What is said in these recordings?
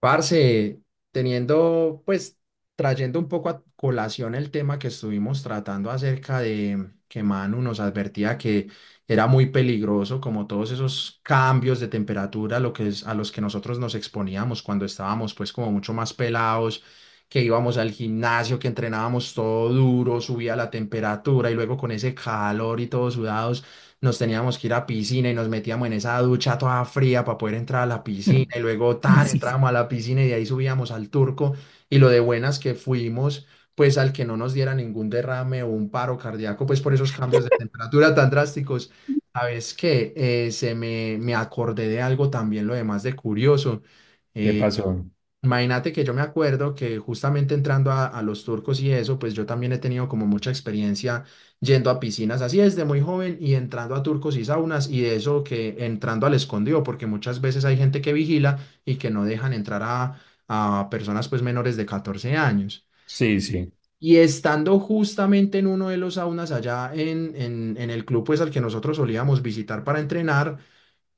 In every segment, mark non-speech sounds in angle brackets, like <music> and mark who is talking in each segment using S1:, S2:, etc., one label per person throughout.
S1: Parce, teniendo, pues, trayendo un poco a colación el tema que estuvimos tratando acerca de que Manu nos advertía que era muy peligroso, como todos esos cambios de temperatura lo que es, a los que nosotros nos exponíamos cuando estábamos, pues, como mucho más pelados, que íbamos al gimnasio, que entrenábamos todo duro, subía la temperatura y luego con ese calor y todo sudado nos teníamos que ir a piscina y nos metíamos en esa ducha toda fría para poder entrar a la piscina
S2: <laughs>
S1: y luego tan
S2: Sí, sí.
S1: entrábamos a la piscina y de ahí subíamos al Turco y lo de buenas que fuimos pues al que no nos diera ningún derrame o un paro cardíaco pues por esos cambios de temperatura tan drásticos. Sabes que se me acordé de algo también lo demás de curioso.
S2: ¿Qué pasó?
S1: Imagínate que yo me acuerdo que justamente entrando a los turcos y eso, pues yo también he tenido como mucha experiencia yendo a piscinas así desde muy joven y entrando a turcos y saunas y de eso que entrando al escondido, porque muchas veces hay gente que vigila y que no dejan entrar a personas pues menores de 14 años.
S2: Sí, sí.
S1: Y estando justamente en uno de los saunas allá en el club pues al que nosotros solíamos visitar para entrenar,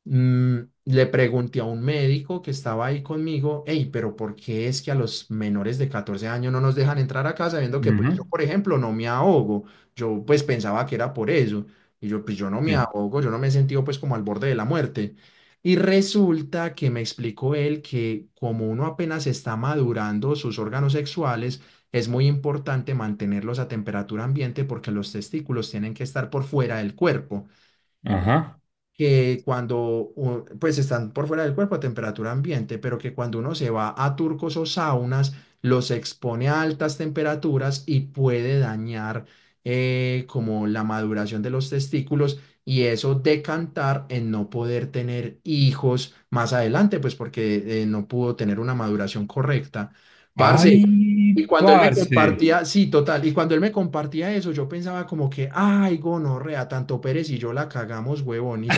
S1: Le pregunté a un médico que estaba ahí conmigo, hey, pero ¿por qué es que a los menores de 14 años no nos dejan entrar a casa viendo que pues yo,
S2: Ujú.
S1: por ejemplo, no me ahogo? Yo pues pensaba que era por eso. Y yo, pues yo no me
S2: Sí.
S1: ahogo, yo no me he sentido pues como al borde de la muerte. Y resulta que me explicó él que como uno apenas está madurando sus órganos sexuales, es muy importante mantenerlos a temperatura ambiente porque los testículos tienen que estar por fuera del cuerpo,
S2: Ajá.
S1: que cuando, pues están por fuera del cuerpo a temperatura ambiente, pero que cuando uno se va a turcos o saunas, los expone a altas temperaturas y puede dañar, como la maduración de los testículos y eso decantar en no poder tener hijos más adelante, pues porque no pudo tener una maduración correcta. Parce,
S2: Ay,
S1: y cuando él me
S2: parce.
S1: compartía, sí, total, y cuando él me compartía eso, yo pensaba como que, ay, gonorrea, tanto Pérez y yo la cagamos, huevón. Y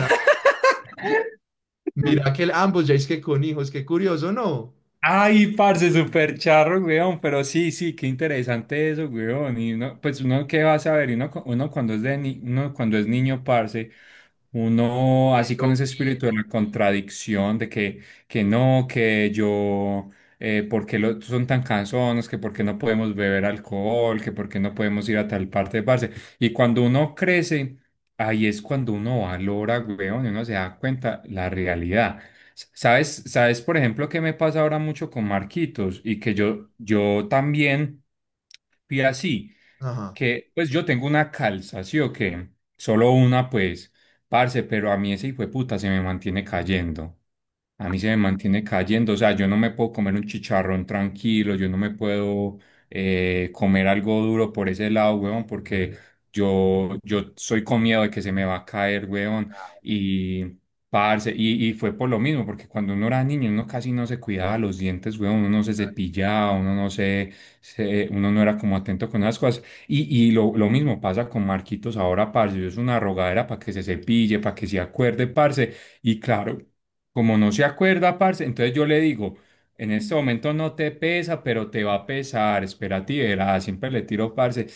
S1: mira que ambos ya es que con hijos, qué curioso, ¿no?
S2: Ay, parce, súper charro, weón, pero sí, sí, qué interesante eso, weón. Y uno, pues uno qué va a saber, y uno, uno cuando es de uno cuando es niño, parce, uno
S1: Qué
S2: así con ese espíritu de
S1: loquito.
S2: la contradicción, de que no, que yo, porque lo, son tan cansones, que porque no podemos beber alcohol, que porque no podemos ir a tal parte, parce. Y cuando uno crece, ahí es cuando uno valora, weón, y uno se da cuenta la realidad. ¿Sabes, sabes, por ejemplo, qué me pasa ahora mucho con Marquitos y que
S1: Sí.
S2: yo, también fui así,
S1: Ajá.
S2: que pues yo tengo una calza, ¿sí o qué? Solo una, pues, parce, pero a mí ese hijo de puta se me mantiene cayendo. A mí se me mantiene cayendo, o sea, yo no me puedo comer un chicharrón tranquilo, yo no me puedo comer algo duro por ese lado, weón, porque yo soy con miedo de que se me va a caer, weón.
S1: Ah.
S2: Y, parce, y fue por lo mismo, porque cuando uno era niño, uno casi no se cuidaba los dientes, weón, uno no se cepillaba, uno no uno no era como atento con las cosas. Y, lo mismo pasa con Marquitos ahora, parce, es una rogadera para que se cepille, para que se acuerde, parce. Y claro, como no se acuerda, parce, entonces yo le digo. En este momento no te pesa, pero te va a pesar. Espérate y verás, siempre le tiro parce.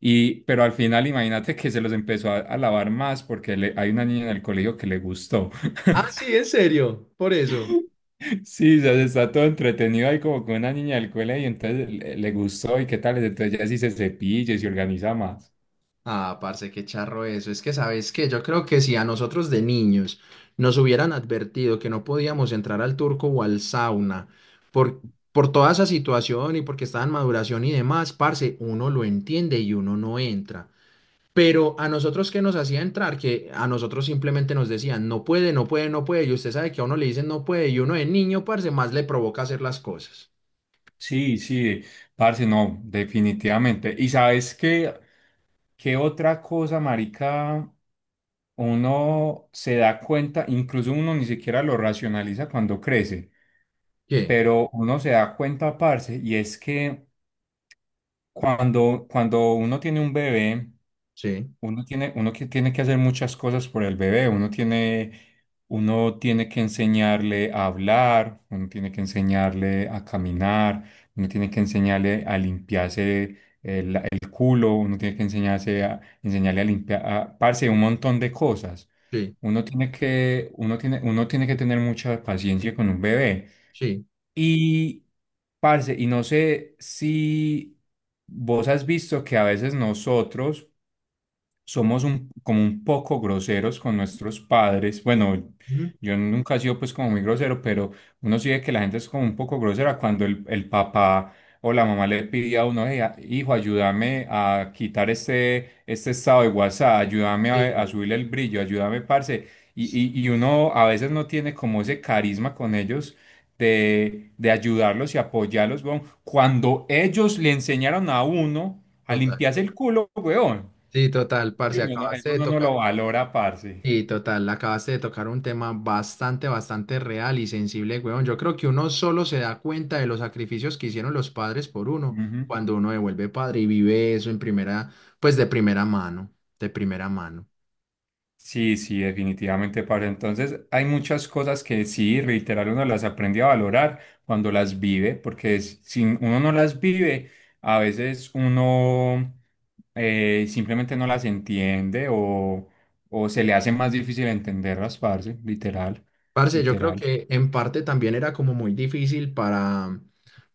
S2: Y, pero al final, imagínate que se los empezó a lavar más porque hay una niña en el colegio que le gustó.
S1: Ah,
S2: <laughs>
S1: sí, en serio, por eso.
S2: Sí, ya se está todo entretenido ahí como con una niña del colegio, entonces le gustó y qué tal. Entonces ya sí se cepilla y se organiza más.
S1: Ah, parce, qué charro eso. Es que, ¿sabes qué? Yo creo que si a nosotros de niños nos hubieran advertido que no podíamos entrar al turco o al sauna por, por toda esa situación y porque estaba en maduración y demás, parce, uno lo entiende y uno no entra. Pero a nosotros que nos hacía entrar, que a nosotros simplemente nos decían, no puede, no puede, no puede, y usted sabe que a uno le dicen no puede, y uno de niño, parce, más le provoca hacer las cosas.
S2: Sí, sí, parce, no, definitivamente. ¿Y sabes qué, qué otra cosa, marica? Uno se da cuenta, incluso uno ni siquiera lo racionaliza cuando crece,
S1: ¿Qué?
S2: pero uno se da cuenta, parce, y es que cuando uno tiene un bebé,
S1: Sí,
S2: uno tiene, uno que tiene que hacer muchas cosas por el bebé, uno tiene que enseñarle a hablar, uno tiene que enseñarle a caminar, uno tiene que enseñarle a limpiarse el culo, uno tiene que enseñarse a, enseñarle a limpiar, a, parce, un montón de cosas.
S1: sí,
S2: Uno tiene que tener mucha paciencia con un bebé.
S1: sí.
S2: Y, parce, y no sé si vos has visto que a veces nosotros somos un, como un poco groseros con nuestros padres. Bueno,
S1: Ujú.
S2: yo nunca he sido pues como muy grosero, pero uno sí ve que la gente es como un poco grosera cuando el papá o la mamá le pide a uno, "Hey, hijo, ayúdame a quitar este estado de WhatsApp, ayúdame a
S1: Sí,
S2: subirle el brillo, ayúdame, parce. Y uno a veces no tiene como ese carisma con ellos de ayudarlos y apoyarlos, weón. Cuando ellos le enseñaron a uno a
S1: total.
S2: limpiarse el culo, weón.
S1: Sí, total,
S2: Y
S1: parce,
S2: uno no-
S1: acabaste
S2: eso
S1: de
S2: uno no lo
S1: tocar.
S2: valora, parce.
S1: Sí, total, acabaste de tocar un tema bastante, bastante real y sensible, weón. Yo creo que uno solo se da cuenta de los sacrificios que hicieron los padres por uno
S2: Ujú.
S1: cuando uno devuelve padre y vive eso en primera, pues de primera mano, de primera mano.
S2: Sí, sí, definitivamente, parce. Entonces, hay muchas cosas que sí, reiterar, uno las aprende a valorar cuando las vive, porque si uno no las vive, a veces uno simplemente no las entiende o se le hace más difícil entenderlas, parce, literal,
S1: Parce, yo creo
S2: literal.
S1: que en parte también era como muy difícil para,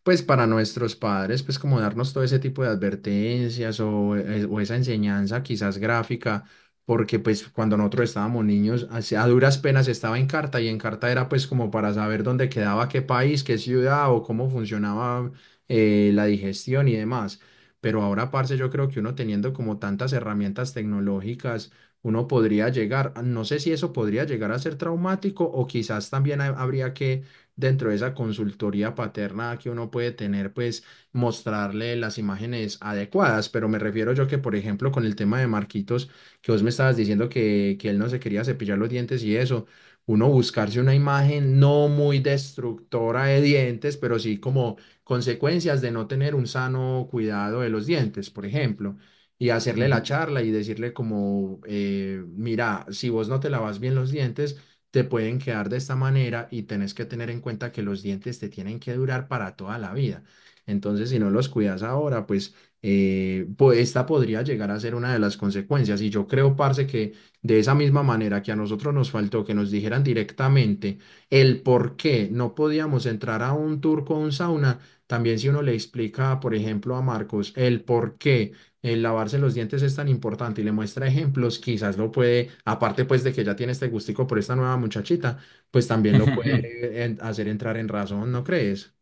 S1: pues para nuestros padres, pues como darnos todo ese tipo de advertencias o esa enseñanza quizás gráfica, porque pues cuando nosotros estábamos niños, así a duras penas estaba en carta y en carta era pues como para saber dónde quedaba qué país, qué ciudad o cómo funcionaba, la digestión y demás. Pero ahora, parce, yo creo que uno teniendo como tantas herramientas tecnológicas, uno podría llegar, no sé si eso podría llegar a ser traumático o quizás también habría que, dentro de esa consultoría paterna que uno puede tener, pues mostrarle las imágenes adecuadas, pero me refiero yo que, por ejemplo, con el tema de Marquitos, que vos me estabas diciendo que él no se quería cepillar los dientes y eso, uno buscarse una imagen no muy destructora de dientes, pero sí como consecuencias de no tener un sano cuidado de los dientes, por ejemplo, y hacerle la charla y decirle como, mira, si vos no te lavas bien los dientes, te pueden quedar de esta manera y tenés que tener en cuenta que los dientes te tienen que durar para toda la vida. Entonces, si no los cuidas ahora, pues esta podría llegar a ser una de las consecuencias. Y yo creo, parce, que de esa misma manera que a nosotros nos faltó que nos dijeran directamente el por qué no podíamos entrar a un tour con sauna, también si uno le explica, por ejemplo, a Marcos el por qué el lavarse los dientes es tan importante y le muestra ejemplos, quizás lo puede, aparte pues de que ya tiene este gustico por esta nueva muchachita, pues también lo
S2: <laughs>
S1: puede hacer entrar en razón, ¿no crees?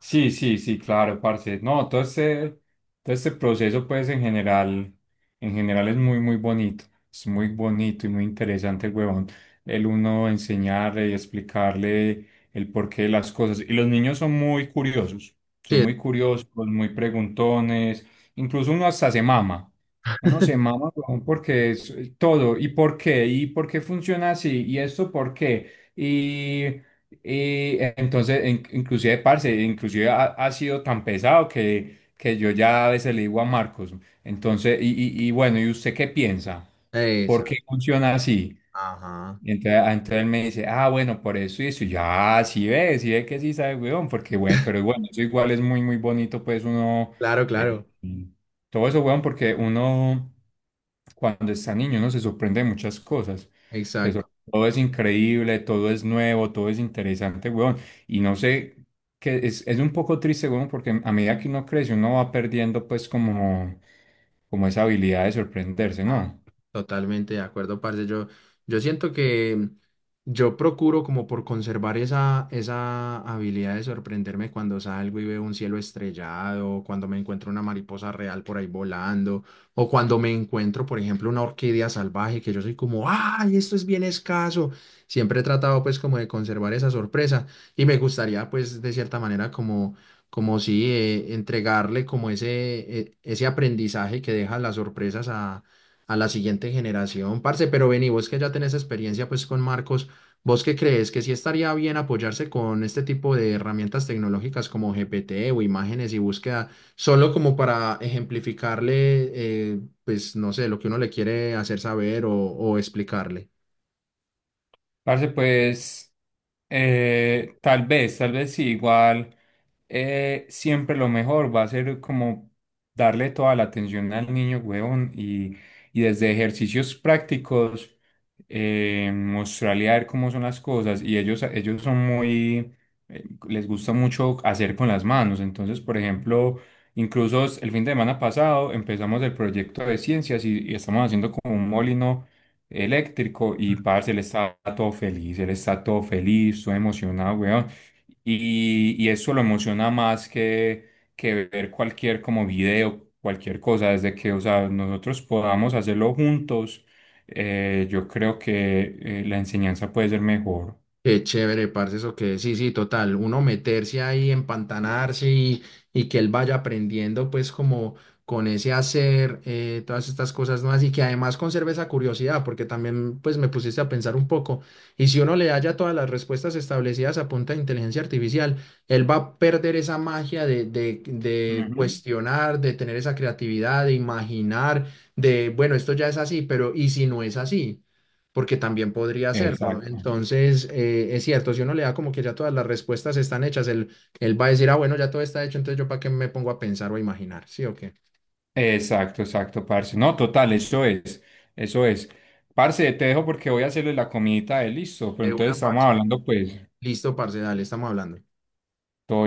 S2: Sí, sí, sí, claro, parce. No, todo este proceso, pues, en general es muy, muy bonito. Es muy bonito y muy interesante, huevón. El uno enseñarle y explicarle el porqué de las cosas. Y los niños son muy curiosos. Son
S1: Sí,
S2: muy curiosos, muy preguntones. Incluso uno hasta se mama. Uno se mama, huevón, porque es todo. ¿Y por qué? ¿Y por qué funciona así? ¿Y esto por qué? Y entonces, inclusive, parce, inclusive ha sido tan pesado que yo ya a veces le digo a Marcos, entonces, y bueno, ¿y usted qué piensa? ¿Por
S1: esa.
S2: qué funciona así?
S1: Ajá.
S2: Y entonces, ah, entonces él me dice, ah, bueno, por eso y eso. Y yo, ah, sí ve que sí sabe, weón, porque bueno, pero bueno, eso igual es muy, muy bonito, pues uno,
S1: Claro,
S2: eh,
S1: claro.
S2: todo eso, weón, porque uno, cuando está niño, uno se sorprende de muchas cosas.
S1: Exacto.
S2: Todo es increíble, todo es nuevo, todo es interesante, weón. Y no sé, que es un poco triste, weón, porque a medida que uno crece, uno va perdiendo, pues, como, como esa habilidad de sorprenderse,
S1: Ah.
S2: ¿no?
S1: Totalmente de acuerdo, parce. Yo siento que yo procuro como por conservar esa habilidad de sorprenderme cuando salgo y veo un cielo estrellado, cuando me encuentro una mariposa real por ahí volando, o cuando me encuentro, por ejemplo, una orquídea salvaje, que yo soy como, ¡ay, esto es bien escaso! Siempre he tratado pues como de conservar esa sorpresa y me gustaría pues de cierta manera como... como si entregarle como ese aprendizaje que deja las sorpresas a la siguiente generación, parce. Pero vení, vos que ya tenés experiencia pues con Marcos, ¿vos qué crees que sí estaría bien apoyarse con este tipo de herramientas tecnológicas como GPT o imágenes y búsqueda, solo como para ejemplificarle, pues no sé, lo que uno le quiere hacer saber o explicarle?
S2: Parce, pues. Tal vez, tal vez sí, igual siempre lo mejor va a ser como darle toda la atención al niño, huevón, y desde ejercicios prácticos mostrarle a ver cómo son las cosas. Y ellos son muy, les gusta mucho hacer con las manos. Entonces, por ejemplo, incluso el fin de semana pasado empezamos el proyecto de ciencias y estamos haciendo como un molino eléctrico y parce, él está todo feliz, él está todo feliz, todo emocionado, weón. Y eso lo emociona más que ver cualquier como video, cualquier cosa, desde que, o sea, nosotros podamos hacerlo juntos, yo creo que la enseñanza puede ser mejor.
S1: Qué chévere, parce, eso que sí, sí, total, uno meterse ahí, empantanarse y que él vaya aprendiendo pues como con ese hacer, todas estas cosas nuevas y que además conserve esa curiosidad, porque también pues me pusiste a pensar un poco y si uno le haya todas las respuestas establecidas a punta de inteligencia artificial, él va a perder esa magia de cuestionar, de tener esa creatividad, de imaginar, de bueno, esto ya es así, pero ¿y si no es así? Porque también podría hacerlo.
S2: Exacto.
S1: Entonces, es cierto, si uno le da como que ya todas las respuestas están hechas, él va a decir, ah, bueno, ya todo está hecho, entonces yo para qué me pongo a pensar o a imaginar, ¿sí o qué?
S2: Exacto, exacto, parce. No, total, eso es, eso es. Parce, te dejo porque voy a hacerle la comidita de listo, pero
S1: De una,
S2: entonces estamos
S1: parce.
S2: hablando, pues,
S1: Listo, parce, dale, estamos hablando.
S2: todo bien.